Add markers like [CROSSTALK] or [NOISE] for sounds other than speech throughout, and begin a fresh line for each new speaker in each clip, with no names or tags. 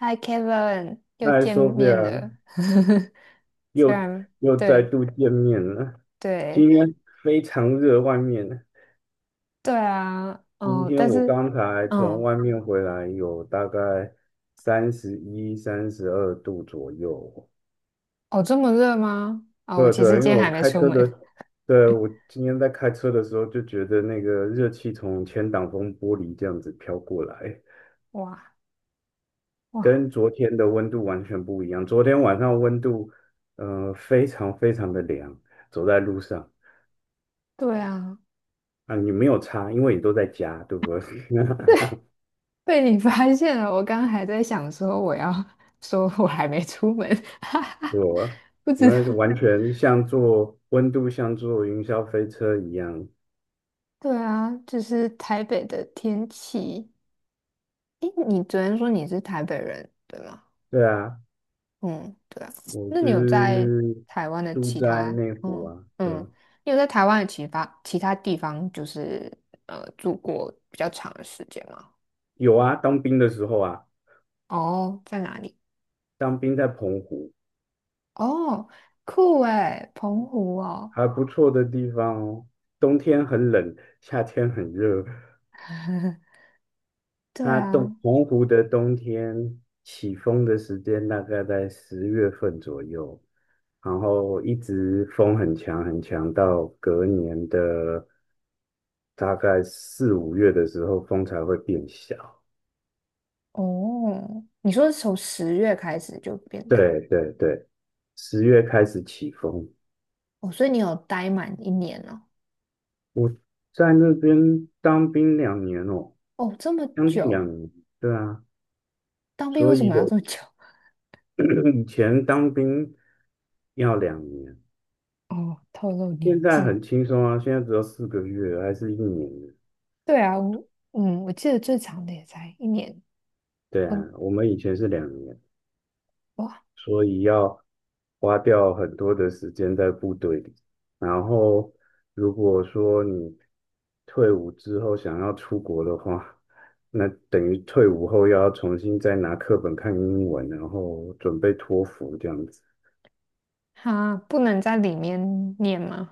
Hi Kevin，又
嗨
见面
，Sophia，
了。[LAUGHS] 虽
又
然
又再
对
度见面了。
对
今天非常热，外面。
对啊，
今
哦，
天
但
我
是
刚才从
嗯，
外面回来，有大概31、32度左右。
哦，这么热吗？啊、我
对
其实
对，因为
今天还
我
没
开
出
车
门。
的，对，我今天在开车的时候就觉得那个热气从前挡风玻璃这样子飘过来，
哇，哇，
跟昨天的温度完全不一样。昨天晚上温度，非常非常的凉，走在路上。
对啊，
啊，你没有差，因为你都在家，对不对？[LAUGHS]
被你发现了。我刚刚还在想说我要说我还没出门，[LAUGHS] 哈哈，
对我，
不知道。
那就完全像坐温度像坐云霄飞车一样。
对啊，就是台北的天气。诶，你昨天说你是台北人，对吗？
对啊，
嗯，对啊。
我
那你有在
是
台湾的
住
其
在
他，
内湖啊，对
嗯，
啊，
你有在台湾的其他地方，就是住过比较长的时间吗？
有啊，当兵的时候啊，
哦，在哪里？
当兵在澎湖，
哦，酷诶，澎湖哦。
还不错的地方哦。冬天很冷，夏天很热，
[LAUGHS] 对
它东
啊，
澎湖的冬天起风的时间大概在十月份左右，然后一直风很强很强，到隔年的大概四五月的时候，风才会变小。
哦，你说是从10月开始就变大，
对对对，十月开始起风。
哦，所以你有待满一年了，
我在那边当兵两年哦，
哦，这么
将近两
久，
年，对啊，
当兵为
所
什
以
么要
有
这么久？
[CLEARS THROAT] 以前当兵要2年，
[LAUGHS] 哦，透露
现
年
在
纪。
很轻松啊，现在只要4个月，还是一年。
对啊，我记得最长的也才一年，
对啊，我们以前是两年，
哇，
所以要花掉很多的时间在部队里。然后，如果说你退伍之后想要出国的话，那等于退伍后又要重新再拿课本看英文，然后准备托福这样子。
他不能在里面念吗？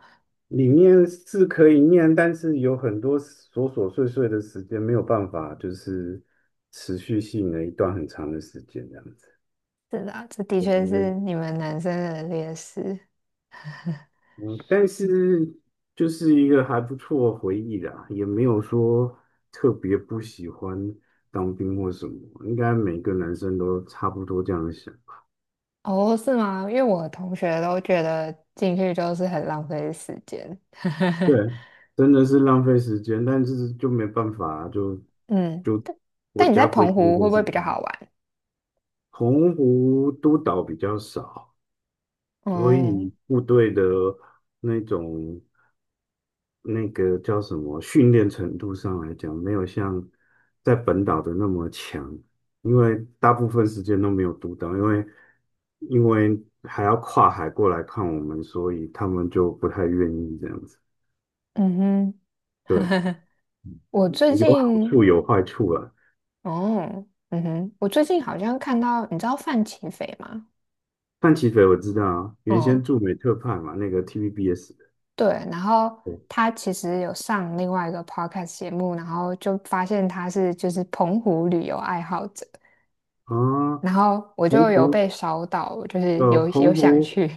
里面是可以念，但是有很多琐琐碎碎的时间没有办法，就是持续性的一段很长的时间这样子。
是的啊，这的
我觉
确
得
是你们男生的劣势。
嗯，但是就是一个还不错的回忆啦，也没有说特别不喜欢当兵或什么，应该每个男生都差不多这样想。
哦，是吗？因为我的同学都觉得进去就是很浪费时间。[LAUGHS]
对，真的是浪费时间，但是就没办法啊就
嗯，
就国
但你在
家规
澎
定
湖会
就
不
是
会比较
这
好玩？
澎湖督导比较少，所
哦，
以部队的那种。那个叫什么训练程度上来讲，没有像在本岛的那么强，因为大部分时间都没有读岛，因为还要跨海过来看我们，所以他们就不太愿意这样子。
嗯哼，
对，
[LAUGHS] 我最
有好
近，
处有坏处啊。
哦，嗯哼，我最近好像看到，你知道范琪斐吗？
范琪斐我知道啊，原先
嗯，
驻美特派嘛，那个 TVBS 的。
对，然后
对
他其实有上另外一个 podcast 节目，然后就发现他是就是澎湖旅游爱好者，
啊，
然后我
澎
就有
湖
被烧到，就是
呃，
有
澎
想
湖
去，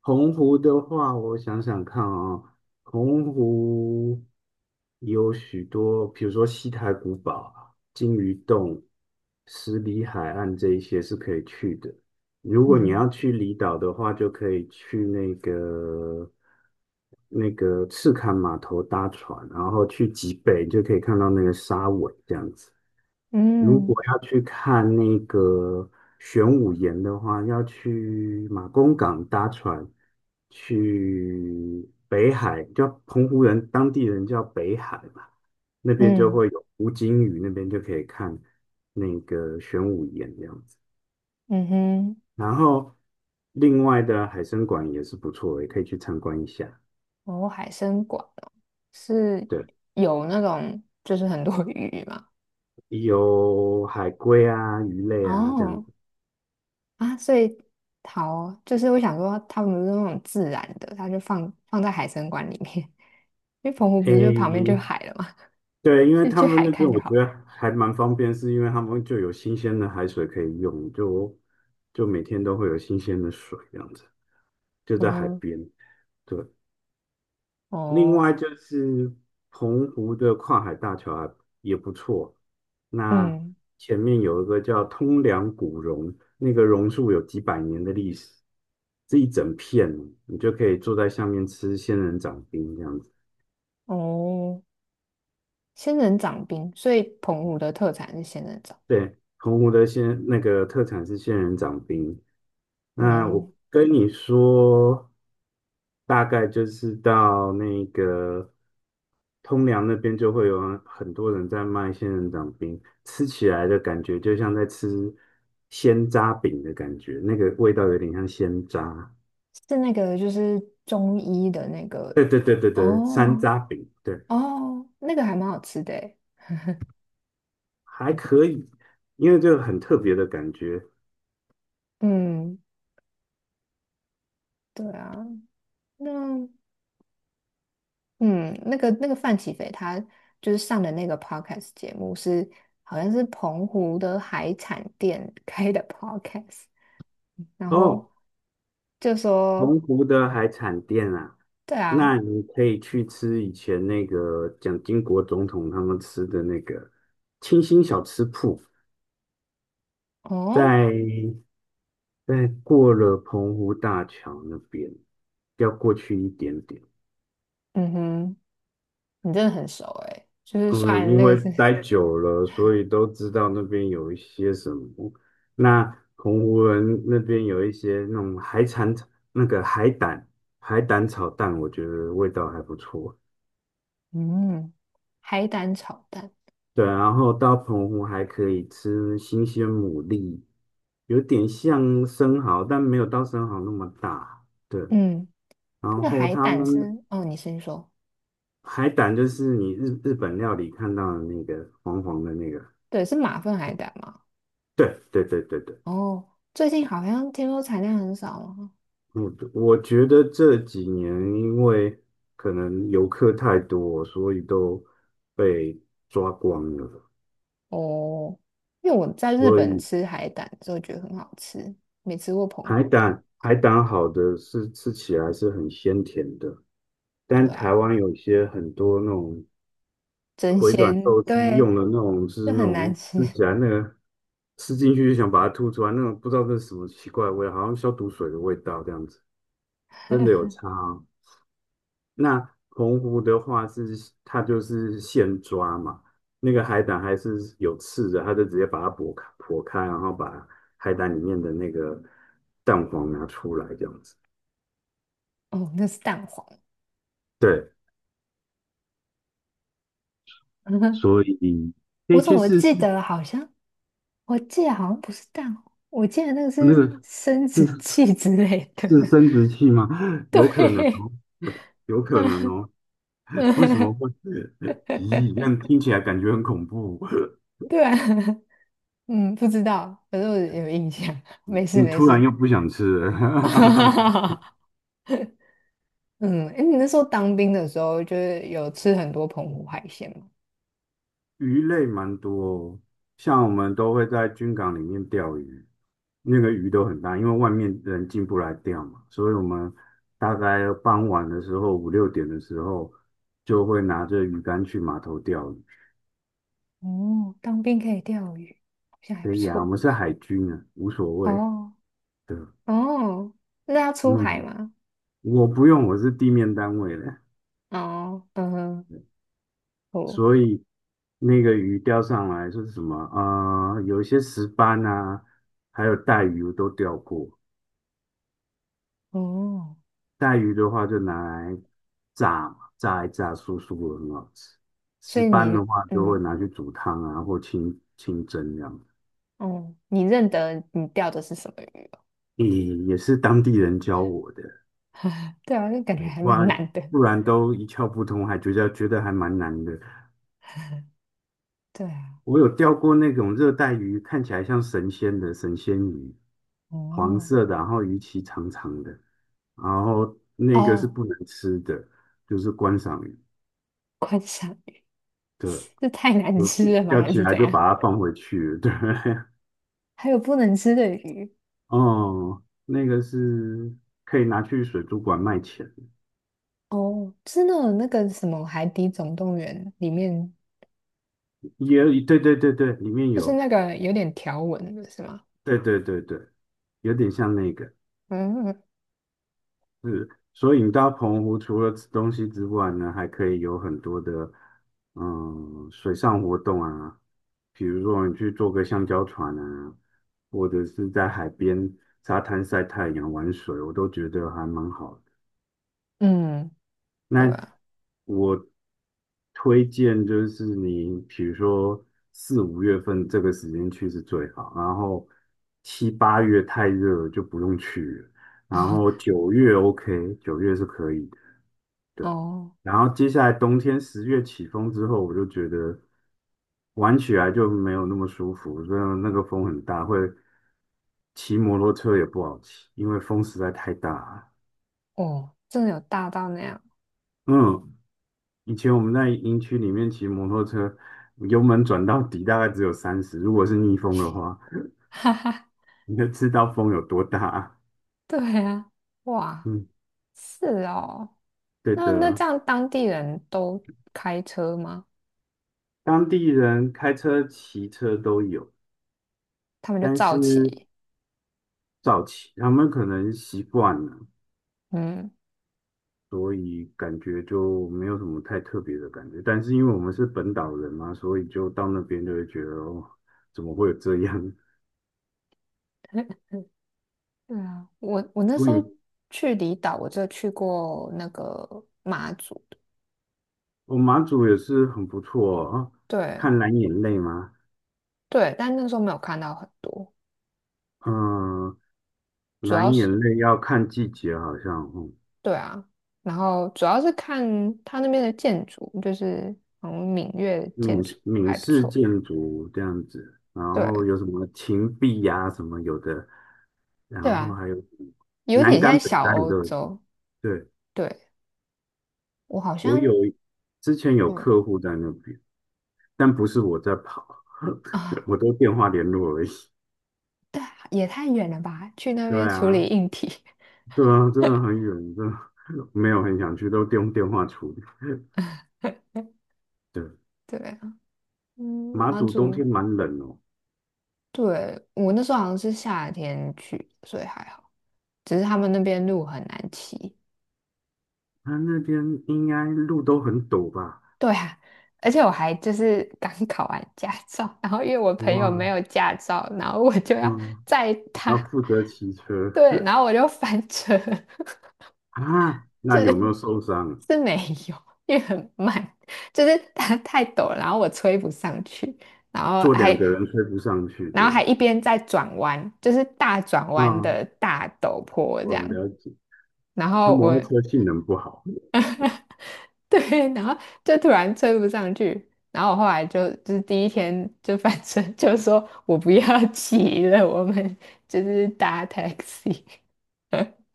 洪湖的话，我想想看啊，洪湖有许多，比如说西台古堡、金鱼洞、十里海岸这一些是可以去的。如
[LAUGHS]
果你要
嗯，
去离岛的话，就可以去那个赤坎码头搭船，然后去极北就可以看到那个沙尾这样子。如果
嗯，
要去看那个玄武岩的话，要去马公港搭船去北海，叫澎湖人当地人叫北海嘛，那边就
嗯
会有湖金屿，那边就可以看那个玄武岩这样子。
嗯哼，
然后另外的海参馆也是不错，也可以去参观一下。
哦，海参馆哦，是
对，
有那种就是很多 [LAUGHS] 鱼嘛，
有海龟啊、鱼类啊这样
哦，
子。
啊，所以好，就是我想说他们不是那种自然的，他就放在海参馆里面，因为澎湖不是就旁边就
诶，
海了嘛。
对，因为
就
他
去
们
海
那边
看就
我
好
觉
了。
得还蛮方便，是因为他们就有新鲜的海水可以用，就每天都会有新鲜的水这样子，就
嗯
在海
哼，
边。另
哦，
外就是澎湖的跨海大桥也不错，那
嗯，
前面有一个叫通梁古榕，那个榕树有几百年的历史，这一整片，你就可以坐在下面吃仙人掌冰这样子。
哦，仙人掌冰，所以澎湖的特产是仙人掌。
对，澎湖的仙那个特产是仙人掌冰。那我
嗯，
跟你说，大概就是到那个通梁那边就会有很多人在卖仙人掌冰，吃起来的感觉就像在吃鲜渣饼的感觉，那个味道有点像鲜渣。
是那个就是中医的那个，
对对对对对，山
哦，
楂饼，对，
哦，那个还蛮好吃的诶。
还可以，因为这个很特别的感觉
嗯，对啊，那范启斐他就是上的那个 podcast 节目是好像是澎湖的海产店开的 [LAUGHS] podcast，然后
哦。
就
澎
说
湖的海产店啊，
对啊，
那你可以去吃以前那个蒋经国总统他们吃的那个清新小吃铺，
哦。
在在过了澎湖大桥那边，要过去一点点。
嗯哼，你真的很熟诶，就是虽
嗯，
然
因
那个
为
是，
待久了，所以都知道那边有一些什么。那澎湖人那边有一些那种海产，那个海胆，海胆炒蛋，我觉得味道还不错。
嗯，海胆炒蛋，
对，然后到澎湖还可以吃新鲜牡蛎，有点像生蚝，但没有到生蚝那么大。对，
嗯，那
然
个
后
海
他
胆
们
是，哦，你先说，
海胆就是你日本料理看到的那个黄黄的那个。
对，是马粪海胆吗？
对对对对对，
哦，最近好像听说产量很少了，
我觉得这几年因为可能游客太多，所以都被抓光了，
哦，因为我在日
所
本
以
吃海胆就觉得很好吃，没吃过澎
海
湖的，
胆海胆好的是吃起来是很鲜甜的。
对
但
啊，
台湾有一些很多那种
真
回转
鲜，
寿司
对，
用的那种，就是
就
那
很难
种
吃，
吃起来那个吃进去就想把它吐出来，那种不知道这是什么奇怪的味道好像消毒水的味道这样子，真的有差哦。那澎湖的话是它就是现抓嘛，那个海胆还是有刺的，它就直接把它剥开剥开，然后把海胆里面的那个蛋黄拿出来这样子。
哦，那是蛋黄，
对，
[LAUGHS]
所以可
我
以
怎
去
么
试试
记得好像不是蛋黄，我记得那个
那
是
个，
生殖
是。
器之类的。
是
[LAUGHS]
生殖器吗？[LAUGHS] 有可能
对，
哦，有
啊，
可能哦。[LAUGHS] 为什么
嗯，
会？咦，这样听起来感觉很恐怖。
对啊，嗯，不知道，反正我有印象。没事
你
没
突然
事。
又不想吃了。[LAUGHS]
[LAUGHS] 嗯，哎，你那时候当兵的时候，就是有吃很多澎湖海鲜吗？
鱼类蛮多哦，像我们都会在军港里面钓鱼，那个鱼都很大，因为外面人进不来钓嘛，所以我们大概傍晚的时候，五六点的时候，就会拿着鱼竿去码头钓鱼。
哦，当兵可以钓鱼，好像还
可
不
以啊，我
错。
们是海军啊，无所谓。
哦，
对，
哦，那要出海
嗯，
吗？
我不用，我是地面单位的，
哦，嗯哼，哦，
所以那个鱼钓上来说是什么？啊，有一些石斑啊，还有带鱼我都钓过。
哦，
带鱼的话就拿来炸嘛，炸一炸酥酥的，很好吃。
所
石
以
斑的
你
话就会
嗯，
拿去煮汤啊，或清蒸这样。
哦，你认得你钓的是什么鱼吗？
也也是当地人教我的，
对啊，那感觉
对
还
不
蛮
然
难的。
都一窍不通，还觉得还蛮难的。
对啊，
我有钓过那种热带鱼，看起来像神仙的神仙鱼，黄
哦，
色的，然后鱼鳍长长的，然后那个是
哦，
不能吃的，就是观赏鱼。
观赏鱼，
对，
这太难
我
吃了吗？
钓
还
起
是
来
怎
就
样？
把它放回去了。对，
还有不能吃的鱼？
[LAUGHS] 哦，那个是可以拿去水族馆卖钱，
哦，真的那个什么《海底总动员》里面，
也对对对对，里面
就是
有，
那个有点条纹的是吗？
对对对对，有点像那个。
嗯，
是，所以你到澎湖除了吃东西之外呢，还可以有很多的水上活动啊，比如说你去坐个橡胶船啊，或者是在海边沙滩晒太阳、玩水，我都觉得还蛮好的。
嗯，对
那
啊，
我推荐就是你，比如说四五月份这个时间去是最好，然后七八月太热了就不用去了。然
哦，
后九月 OK，九月是可以，
哦，
然后接下来冬天十月起风之后，我就觉得玩起来就没有那么舒服，真的那个风很大，会骑摩托车也不好骑，因为风实在太大了。
哦，真的有大到那样，
嗯，以前我们在营区里面骑摩托车，油门转到底大概只有三十，如果是逆风的话，
[LAUGHS] 哈哈，
你就知道风有多大。
对啊，哇，
嗯，
是哦，
对
那那
的，
这样当地人都开车吗？
当地人开车、骑车都有，
他们就
但
造齐，
是早期他们可能习惯了。
嗯，
所以感觉就没有什么太特别的感觉。但是因为我们是本岛人嘛，所以就到那边就会觉得，哦，怎么会有这样？
[LAUGHS] 对啊，我那时
所
候
以
去离岛，我就去过那个马祖的，
我马祖也是很不错哦。啊
对，
看蓝眼泪吗？
对，但那时候没有看到很多，
嗯，
主要
蓝眼
是
泪要看季节，好像，
对啊，然后主要是看他那边的建筑，就是嗯像闽粤的建
闽
筑
式闽
还不
式
错，
建筑这样子，然后
对，
有什么芹壁呀、什么有的，然
对
后
啊，
还有什么
有
南
点
竿、
像
北
小
竿你
欧
都有去。
洲，
对，
对我好
我有
像
之前有
嗯
客户在那边。但不是我在跑，[LAUGHS]
啊，
我都电话联络而已。
对啊也太远了吧，去那
对
边处理
啊，
硬体，
对啊，真的很远，真的没有很想去，都用电话处理。对，
[LAUGHS] 对啊，嗯，
马
马
祖冬
祖。
天蛮冷哦，
对，我那时候好像是夏天去，所以还好。只是他们那边路很难骑。
它那边应该路都很陡吧？
对啊，而且我还就是 [LAUGHS] 刚考完驾照，然后因为我朋友没
哇，
有驾照，然后我就要
嗯，
载他，
要负责骑车。
对，然后我就翻车，
[LAUGHS] 啊？那
就
有没
是
有受伤？
是没有，因为很慢，就是它太陡了，然后我吹不上去，然后
坐两
还
个人推不上去，
然
对，
后还一边在转弯，就是大转弯
嗯，
的大陡坡这
我
样。
了解，
然
他
后
摩托
我
车性
[LAUGHS]
能不好。
对，然后就突然追不上去，然后我后来就是第一天就反正 [LAUGHS] 就说我不要骑了，我们就是搭 taxi。[LAUGHS]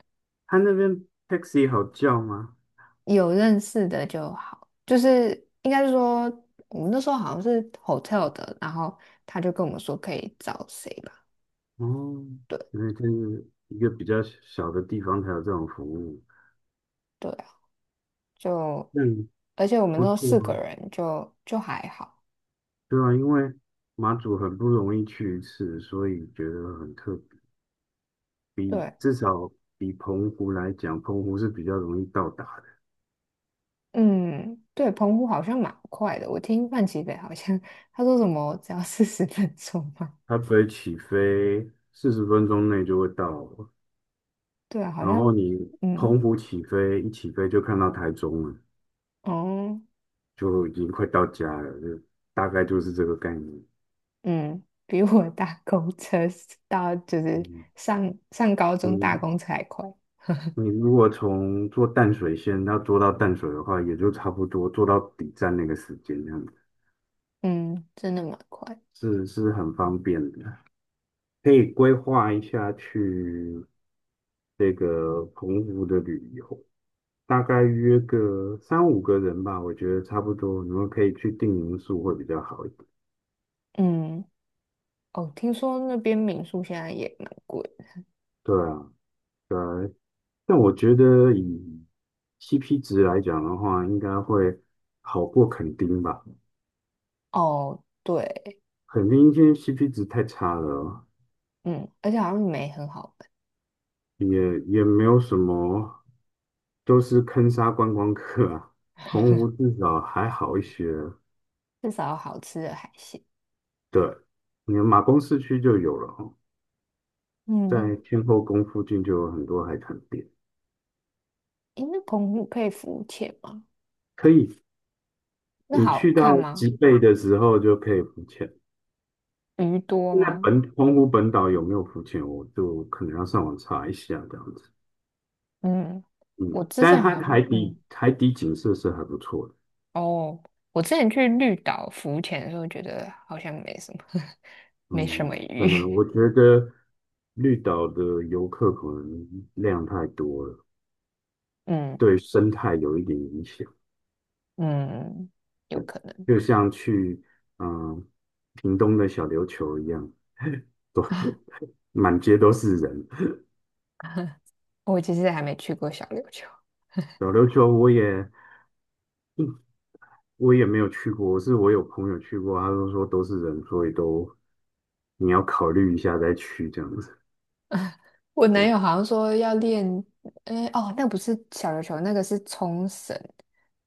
他那边 taxi 好叫吗？
有认识的就好，就是应该是说我们那时候好像是 hotel 的，然后他就跟我们说可以找谁吧，
哦，
对
因为这是一个比较小的地方才有这种服务，
对啊，就
那
而且我们
不
那时候
错
四个
啊。
人就就还好，
对啊，因为马祖很不容易去一次，所以觉得很特别，比
对，
至少比澎湖来讲，澎湖是比较容易到达的，
嗯，对，澎湖好像蛮快的。我听范琪斐好像他 [LAUGHS] 说什么只要40分钟嘛。
它飞起飞40分钟内就会到了。
[LAUGHS] 对啊，好
然
像
后你
嗯
澎湖起飞一起飞就看到台中了，
哦
就已经快到家了，就大概就是这个概念。
嗯，比我搭公车到就是
嗯。
上高中搭
你。
公车还快。
你如果从做淡水线要坐到淡水的话，也就差不多坐到底站那个时间，这样子
嗯，真的蛮快。
是很方便的。可以规划一下去这个澎湖的旅游，大概约个三五个人吧，我觉得差不多。你们可以去订民宿会比较好一点。
嗯哦，听说那边民宿现在也蛮贵的
对啊，对啊，但我觉得以 CP 值来讲的话，应该会好过垦丁吧。
哦，对，
垦丁今天 CP 值太差了。
嗯，而且好像没很好玩，
也也没有什么，都是坑杀观光客啊。洪湖至少还好一些，
至少有好吃的海鲜。
对，你马公市区就有了哦，在
嗯，
天后宫附近就有很多海滩店，
诶，那澎湖可以浮潜吗？
可以，
那
你
好
去
看
到
吗？
吉贝的时候就可以浮潜。
鱼多
现在
吗？
本洪湖本岛有没有浮潜，我就可能要上网查一下这样子。
嗯，我
嗯，
之
但
前
是它
好像，
海
嗯，
底海底景色是还不错的。
哦，我之前去绿岛浮潜的时候，觉得好像没什么，[LAUGHS] 没什么
嗯，可
鱼。
能
[LAUGHS]
我觉得绿岛的游客可能量太多了，
嗯，
对生态有一点影响，
嗯，有可能。
就像去嗯屏东的小琉球一样，
[LAUGHS]
满街都是人。
我其实还没去过小琉球。
小琉球我也没有去过，是我有朋友去过，他都说都是人，所以都你要考虑一下再去这样子。
我男友好像说要练，哎、哦，那不是小琉球，那个是冲绳，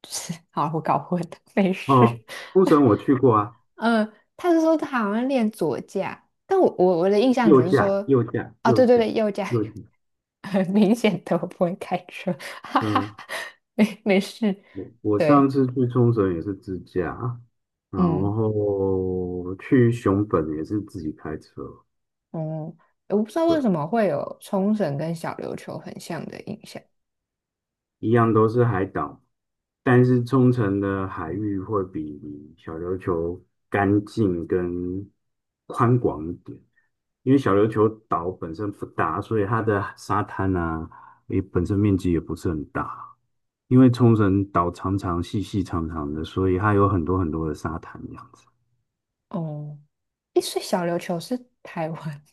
就是 [LAUGHS] 好，我搞混了，没
哦，
事。
冲绳我去过啊，
嗯，他是说他好像练左架，但我的印象
右
只是
驾
说，
右驾
哦，
右
对对
驾
对，右架，
右驾，
[LAUGHS] 很明显的我不会开车，[LAUGHS] 哈哈
嗯、
没没事。
我我上
对，
次去冲绳也是自驾，然
嗯，
后去熊本也是自己开车，
嗯，我不知道为什么会有冲绳跟小琉球很像的印象。
一样都是海岛，但是冲绳的海域会比小琉球干净跟宽广一点，因为小琉球岛本身不大，所以它的沙滩啊，也本身面积也不是很大。因为冲绳岛长长、细细长长的，所以它有很多很多的沙滩这样子。
哦，诶，所以小琉球是台湾。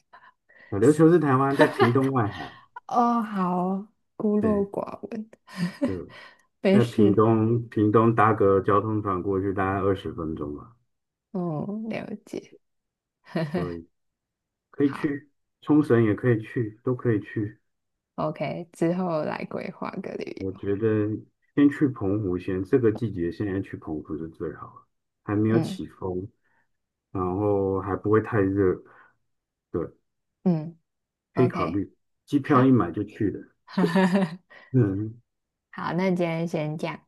小琉球是台湾在屏东外海，
[LAUGHS] 哦，好，孤陋
对，
寡闻，
就
[LAUGHS] 没
在屏
事。
东，屏东搭个交通船过去大概20分钟吧，
嗯，了解。
所以可以
好
去冲绳，也可以去，都可以去。
，OK，之后来规划个旅
我
游。
觉得先去澎湖先，这个季节现在去澎湖是最好的，还没有
嗯，
起风，然后还不会太热，对，
嗯
可以考
，OK，
虑。机票一
好，
买就去了，
[LAUGHS]
嗯，
好，那今天先这样。